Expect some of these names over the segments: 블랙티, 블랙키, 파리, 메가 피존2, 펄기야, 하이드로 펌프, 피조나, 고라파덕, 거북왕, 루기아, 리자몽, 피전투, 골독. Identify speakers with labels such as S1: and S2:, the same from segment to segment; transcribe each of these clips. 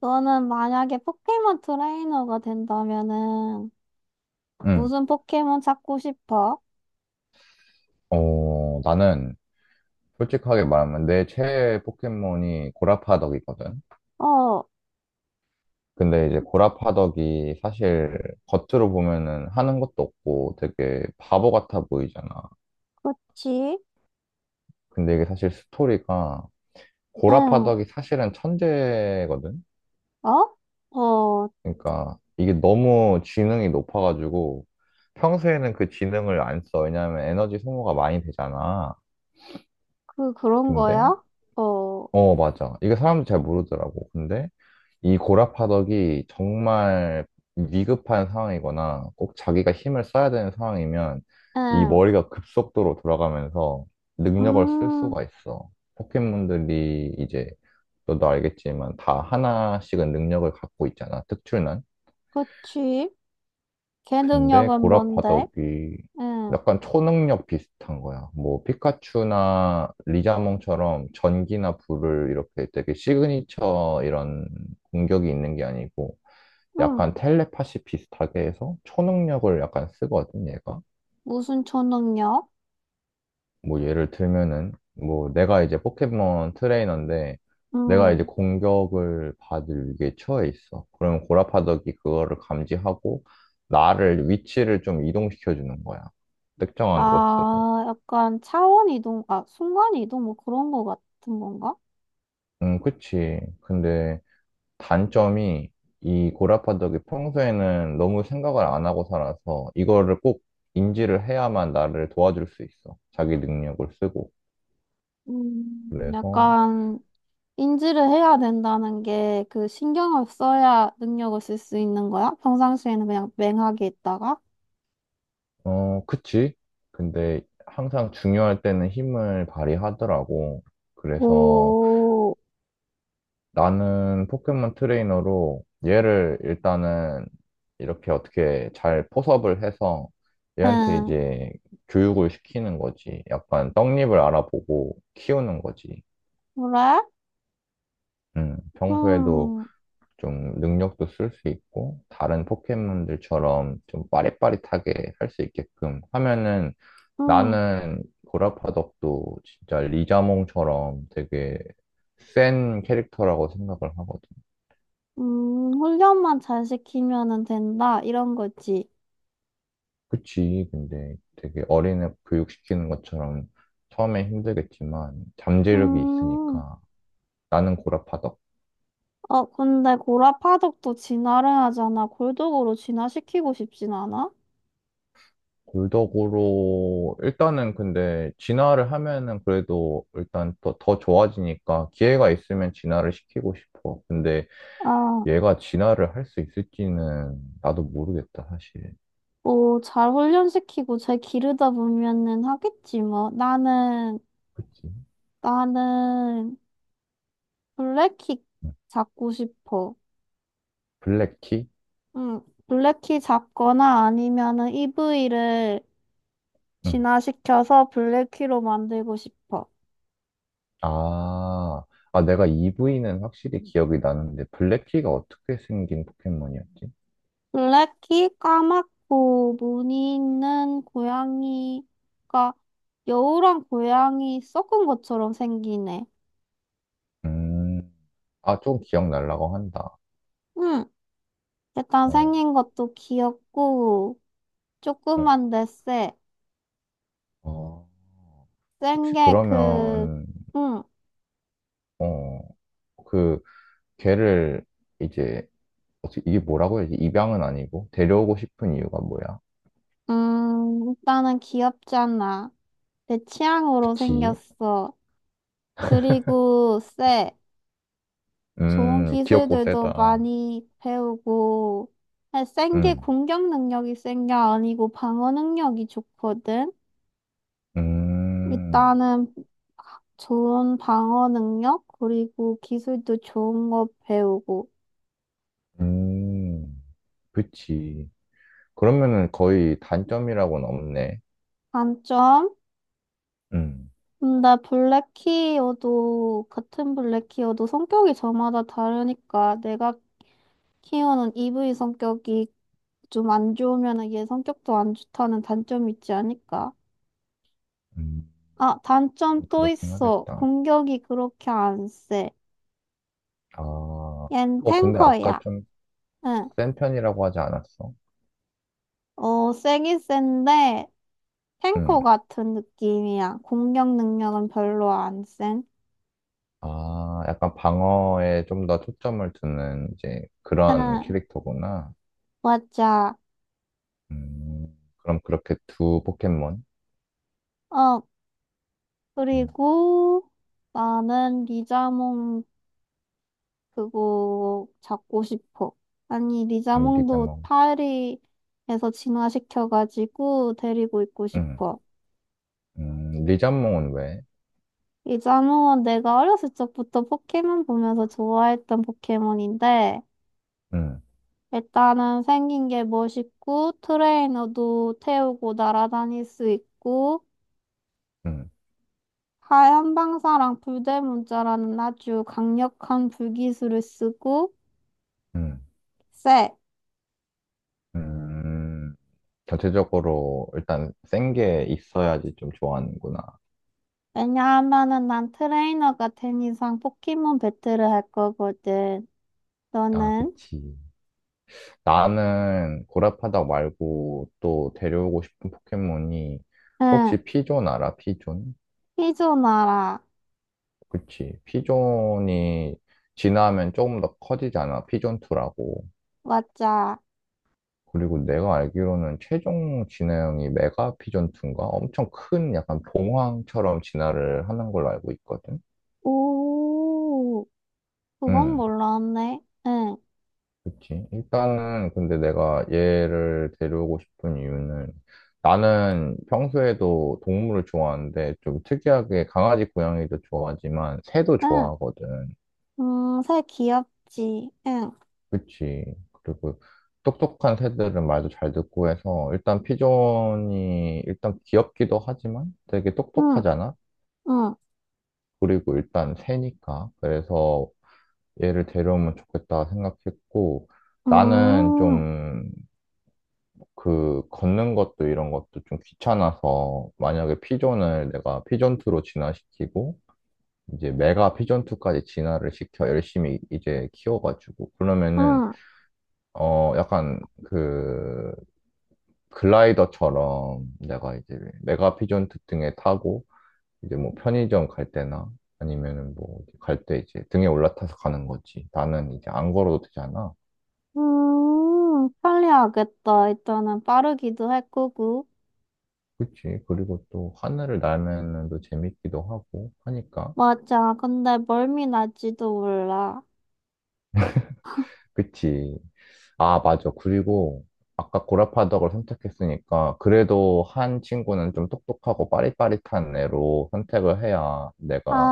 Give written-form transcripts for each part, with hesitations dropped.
S1: 너는 만약에 포켓몬 트레이너가 된다면은
S2: 응.
S1: 무슨 포켓몬 찾고 싶어?
S2: 나는 솔직하게 말하면 내 최애 포켓몬이 고라파덕이거든.
S1: 어,
S2: 근데 이제 고라파덕이 사실 겉으로 보면은 하는 것도 없고 되게 바보 같아 보이잖아.
S1: 그치?
S2: 근데 이게 사실 스토리가
S1: 응.
S2: 고라파덕이 사실은 천재거든.
S1: 어? 어,
S2: 그러니까 이게 너무 지능이 높아가지고 평소에는 그 지능을 안 써. 왜냐하면 에너지 소모가 많이 되잖아.
S1: 그런
S2: 근데
S1: 거야? 어,
S2: 어, 맞아. 이게 사람들 잘 모르더라고. 근데 이 고라파덕이 정말 위급한 상황이거나 꼭 자기가 힘을 써야 되는 상황이면 이
S1: 응.
S2: 머리가 급속도로 돌아가면서 능력을 쓸
S1: 음,
S2: 수가 있어. 포켓몬들이 이제 너도 알겠지만 다 하나씩은 능력을 갖고 있잖아. 특출난.
S1: 그치? 걔
S2: 근데
S1: 능력은 뭔데?
S2: 고라파덕이
S1: 응,
S2: 약간 초능력 비슷한 거야. 뭐 피카츄나 리자몽처럼 전기나 불을 이렇게 되게 시그니처 이런 공격이 있는 게 아니고
S1: 응.
S2: 약간 텔레파시 비슷하게 해서 초능력을 약간 쓰거든, 얘가.
S1: 무슨 초능력?
S2: 뭐 예를 들면은 뭐 내가 이제 포켓몬 트레이너인데 내가
S1: 응.
S2: 이제 공격을 받을 위기에 처해 있어. 그러면 고라파덕이 그거를 감지하고 나를 위치를 좀 이동시켜 주는 거야. 특정한 곳으로.
S1: 아, 약간 차원 이동, 아, 순간 이동 뭐 그런 거 같은 건가?
S2: 그치. 근데 단점이 이 고라파덕이 평소에는 너무 생각을 안 하고 살아서 이거를 꼭 인지를 해야만 나를 도와줄 수 있어. 자기 능력을 쓰고. 그래서
S1: 약간 인지를 해야 된다는 게 그 신경을 써야 능력을 쓸 수 있는 거야? 평상시에는 그냥 맹하게 있다가?
S2: 어, 그치. 근데 항상 중요할 때는 힘을 발휘하더라고. 그래서
S1: 오,
S2: 나는 포켓몬 트레이너로 얘를 일단은 이렇게 어떻게 잘 포섭을 해서 얘한테
S1: 응,
S2: 이제 교육을 시키는 거지. 약간 떡잎을 알아보고 키우는 거지.
S1: 그래?
S2: 평소에도
S1: 음,
S2: 좀 능력도 쓸 수 있고, 다른 포켓몬들처럼 좀 빠릿빠릿하게 할 수 있게끔 하면은
S1: 음,
S2: 나는 고라파덕도 진짜 리자몽처럼 되게 센 캐릭터라고 생각을 하거든.
S1: 훈련만 잘 시키면은 된다. 이런 거지.
S2: 그치, 근데 되게 어린애 교육시키는 것처럼 처음에 힘들겠지만 잠재력이
S1: 음,
S2: 있으니까 나는 고라파덕?
S1: 어, 근데 고라 파덕도 진화를 하잖아. 골독으로 진화시키고 싶진 않아?
S2: 골덕으로 일단은 근데 진화를 하면은 그래도 일단 더 좋아지니까 기회가 있으면 진화를 시키고 싶어. 근데
S1: 아,
S2: 얘가 진화를 할 수 있을지는 나도 모르겠다, 사실.
S1: 오, 잘 훈련시키고 잘 기르다 보면은 하겠지, 뭐. 나는,
S2: 그치? 응.
S1: 나는, 블랙키 잡고 싶어.
S2: 블랙티?
S1: 응, 블랙키 잡거나 아니면은 이브이를
S2: 응.
S1: 진화시켜서 블랙키로 만들고 싶어.
S2: 아, 아, 내가 이브이는 확실히 기억이 나는데, 블랙티가 어떻게 생긴 포켓몬이었지?
S1: 블랙키 까맣고 무늬 있는 고양이가 여우랑 고양이 섞은 것처럼 생기네.
S2: 음, 아, 좀 기억날라고 한다.
S1: 응, 일단
S2: 어,
S1: 생긴 것도 귀엽고
S2: 어,
S1: 조그만데 쎄.
S2: 어.
S1: 센
S2: 혹시
S1: 게 그,
S2: 그러면,
S1: 응,
S2: 어, 그, 걔를 이제, 어떻게, 이게 뭐라고 해야지? 입양은 아니고, 데려오고 싶은 이유가 뭐야?
S1: 일단은 귀엽잖아. 내 취향으로
S2: 그치?
S1: 생겼어. 그리고 쎄. 좋은
S2: 귀엽고
S1: 기술들도
S2: 세다.
S1: 많이 배우고. 아니, 센 게
S2: 음,
S1: 공격 능력이 센 게 아니고 방어 능력이 좋거든.
S2: 음,
S1: 일단은 좋은 방어 능력, 그리고 기술도 좋은 거 배우고.
S2: 음, 그치. 그러면은 거의 단점이라고는 없네.
S1: 단점?
S2: 음,
S1: 근데 블랙키어도, 같은 블랙키어도 성격이 저마다 다르니까 내가 키오는 EV 성격이 좀 안 좋으면 얘 성격도 안 좋다는 단점이 있지 않을까?
S2: 음,
S1: 아, 단점 또
S2: 그렇긴
S1: 있어.
S2: 하겠다.
S1: 공격이 그렇게 안 세.
S2: 아,
S1: 얜
S2: 어, 근데 아까
S1: 탱커야.
S2: 좀
S1: 응.
S2: 센 편이라고 하지 않았어?
S1: 어, 세긴 센데, 탱커
S2: 음,
S1: 같은 느낌이야. 공격 능력은 별로 안 센.
S2: 아, 약간 방어에 좀 더 초점을 두는 이제 그런
S1: 응,
S2: 캐릭터구나.
S1: 맞아.
S2: 그럼 그렇게 두 포켓몬?
S1: 어,
S2: 음,
S1: 그리고 나는 리자몽 그거 잡고 싶어. 아니, 리자몽도
S2: 리자몽.
S1: 파리에서 진화시켜가지고 데리고 있고
S2: 음,
S1: 싶어.
S2: 리자몽은 왜?
S1: 리자몽은 내가 어렸을 적부터 포켓몬 보면서 좋아했던 포켓몬인데,
S2: 음,
S1: 일단은 생긴 게 멋있고, 트레이너도 태우고 날아다닐 수 있고,
S2: 음,
S1: 하얀 방사랑 불대문자라는 아주 강력한 불기술을 쓰고,
S2: 음,
S1: 쎄.
S2: 음, 전체적으로 일단 센 게 있어야지 좀 좋아하는구나.
S1: 왜냐하면은 난 트레이너가 된 이상 포켓몬 배틀을 할 거거든.
S2: 아,
S1: 너는?
S2: 그치. 나는 고라파덕 말고 또 데려오고 싶은 포켓몬이
S1: 응,
S2: 혹시 피존 알아? 피존?
S1: 피조나라.
S2: 그치. 피존이 진화하면 조금 더 커지잖아. 피존2라고.
S1: 맞아.
S2: 그리고 내가 알기로는 최종 진화형이 메가 피존2인가? 엄청 큰 약간 봉황처럼 진화를 하는 걸로 알고 있거든.
S1: 오, 그건
S2: 응.
S1: 몰랐네. 응,
S2: 그치. 일단은 근데 내가 얘를 데려오고 싶은 이유는 나는 평소에도 동물을 좋아하는데 좀 특이하게 강아지, 고양이도 좋아하지만 새도
S1: 응.
S2: 좋아하거든.
S1: 새 귀엽지. 응,
S2: 그치. 그리고 똑똑한 새들은 말도 잘 듣고 해서 일단 피존이 일단 귀엽기도 하지만 되게
S1: 응,
S2: 똑똑하잖아.
S1: 응.
S2: 그리고 일단 새니까. 그래서 얘를 데려오면 좋겠다 생각했고 나는
S1: 음,
S2: 좀 그 걷는 것도 이런 것도 좀 귀찮아서 만약에 피존을 내가 피존2로 진화시키고 이제 메가 피존2까지 진화를 시켜 열심히 이제 키워가지고 그러면은
S1: 응,
S2: 어 약간 그 글라이더처럼 내가 이제 메가 피존2 등에 타고 이제 뭐 편의점 갈 때나 아니면은 뭐 갈 때 이제 등에 올라타서 가는 거지. 나는 이제 안 걸어도 되잖아.
S1: 편리하겠다. 일단은 빠르기도 할 거고.
S2: 그치. 그리고 또 하늘을 날면은 또 재밌기도 하고 하니까.
S1: 맞아. 근데 멀미 날지도 몰라.
S2: 그치. 아, 맞아. 그리고 아까 고라파덕을 선택했으니까 그래도 한 친구는 좀 똑똑하고 빠릿빠릿한 애로 선택을 해야 내가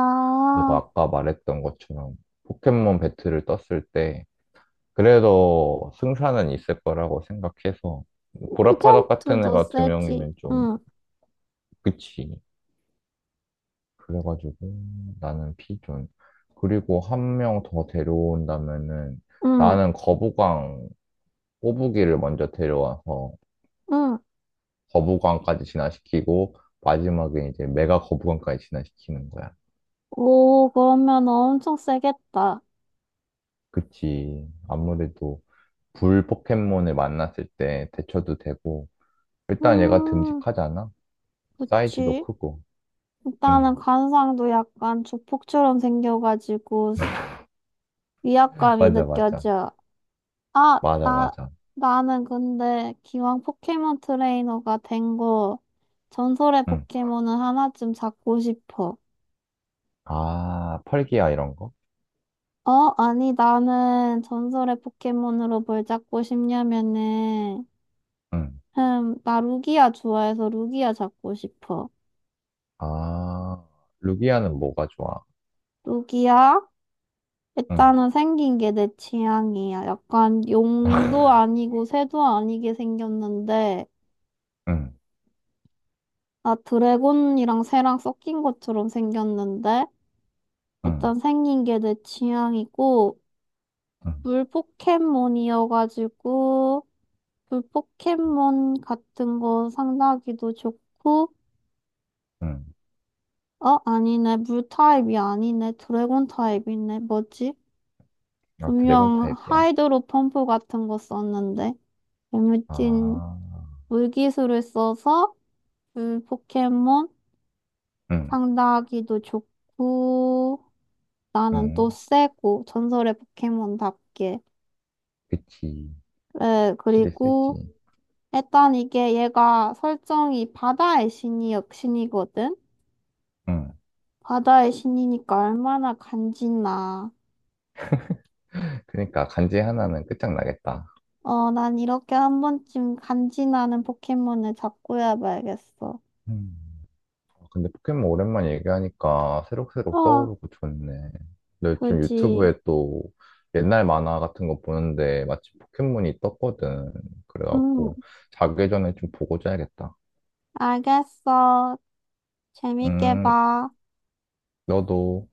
S2: 너가 아까 말했던 것처럼 포켓몬 배틀을 떴을 때 그래도 승산은 있을 거라고 생각해서 고라파덕 같은
S1: 피전투도
S2: 애가 두
S1: 세지.
S2: 명이면 좀
S1: 응.
S2: 그치. 그래가지고 나는 피존. 그리고 한 명 더 데려온다면은
S1: 응,
S2: 나는 거북왕 꼬부기를 먼저 데려와서
S1: 응.
S2: 거부감까지 진화시키고 마지막에 이제 메가 거부감까지 진화시키는 거야.
S1: 오, 그러면 엄청 세겠다.
S2: 그치. 아무래도 불 포켓몬을 만났을 때 대처도 되고 일단 얘가
S1: 음,
S2: 듬직하잖아. 사이즈도
S1: 그치.
S2: 크고. 응.
S1: 일단은 관상도 약간 조폭처럼 생겨가지고 위압감이
S2: 맞아 맞아.
S1: 느껴져. 아,
S2: 맞아
S1: 나,
S2: 맞아.
S1: 나는 근데 기왕 포켓몬 트레이너가 된 거, 전설의
S2: 응.
S1: 포켓몬은 하나쯤 잡고 싶어.
S2: 아, 펄기야 이런 거?
S1: 어? 아니, 나는 전설의 포켓몬으로 뭘 잡고 싶냐면은,
S2: 응.
S1: 흠, 나 루기아 좋아해서 루기아 잡고 싶어.
S2: 아, 루기아는 뭐가 좋아?
S1: 뚝이야?
S2: 응.
S1: 일단은 생긴 게 내 취향이야. 약간 용도 아니고 새도 아니게 생겼는데,
S2: 응,
S1: 아, 드래곤이랑 새랑 섞인 것처럼 생겼는데,
S2: 응,
S1: 일단 생긴 게 내 취향이고,
S2: 응,
S1: 물 포켓몬이어가지고, 물 포켓몬 같은 거 상다기도 좋고,
S2: 응.
S1: 어, 아니네. 물 타입이 아니네. 드래곤 타입이네. 뭐지?
S2: 아, 드래곤
S1: 분명
S2: 타입이야?
S1: 하이드로 펌프 같은 거 썼는데. 재밌진
S2: 아,
S1: 물기술을 써서 그 포켓몬
S2: 응,
S1: 상대하기도 좋고 나는
S2: 응.
S1: 또 세고 전설의 포켓몬답게.
S2: 그치.
S1: 그래.
S2: 확실히
S1: 그리고
S2: 세지.
S1: 일단 이게 얘가 설정이 바다의 신이 역신이거든.
S2: 응.
S1: 바다의 신이니까 얼마나 간지나.
S2: 그러니까 간지 하나는 끝장나겠다.
S1: 어, 난 이렇게 한 번쯤 간지나는 포켓몬을 잡고 해봐야겠어.
S2: 음. 아, 근데 포켓몬 오랜만에 얘기하니까
S1: 어.
S2: 새록새록 떠오르고 좋네. 나 요즘
S1: 그지.
S2: 유튜브에 또 옛날 만화 같은 거 보는데 마침 포켓몬이 떴거든.
S1: 응.
S2: 그래갖고 자기 전에 좀 보고 자야겠다.
S1: 알겠어. 재밌게
S2: 음,
S1: 봐.
S2: 너도.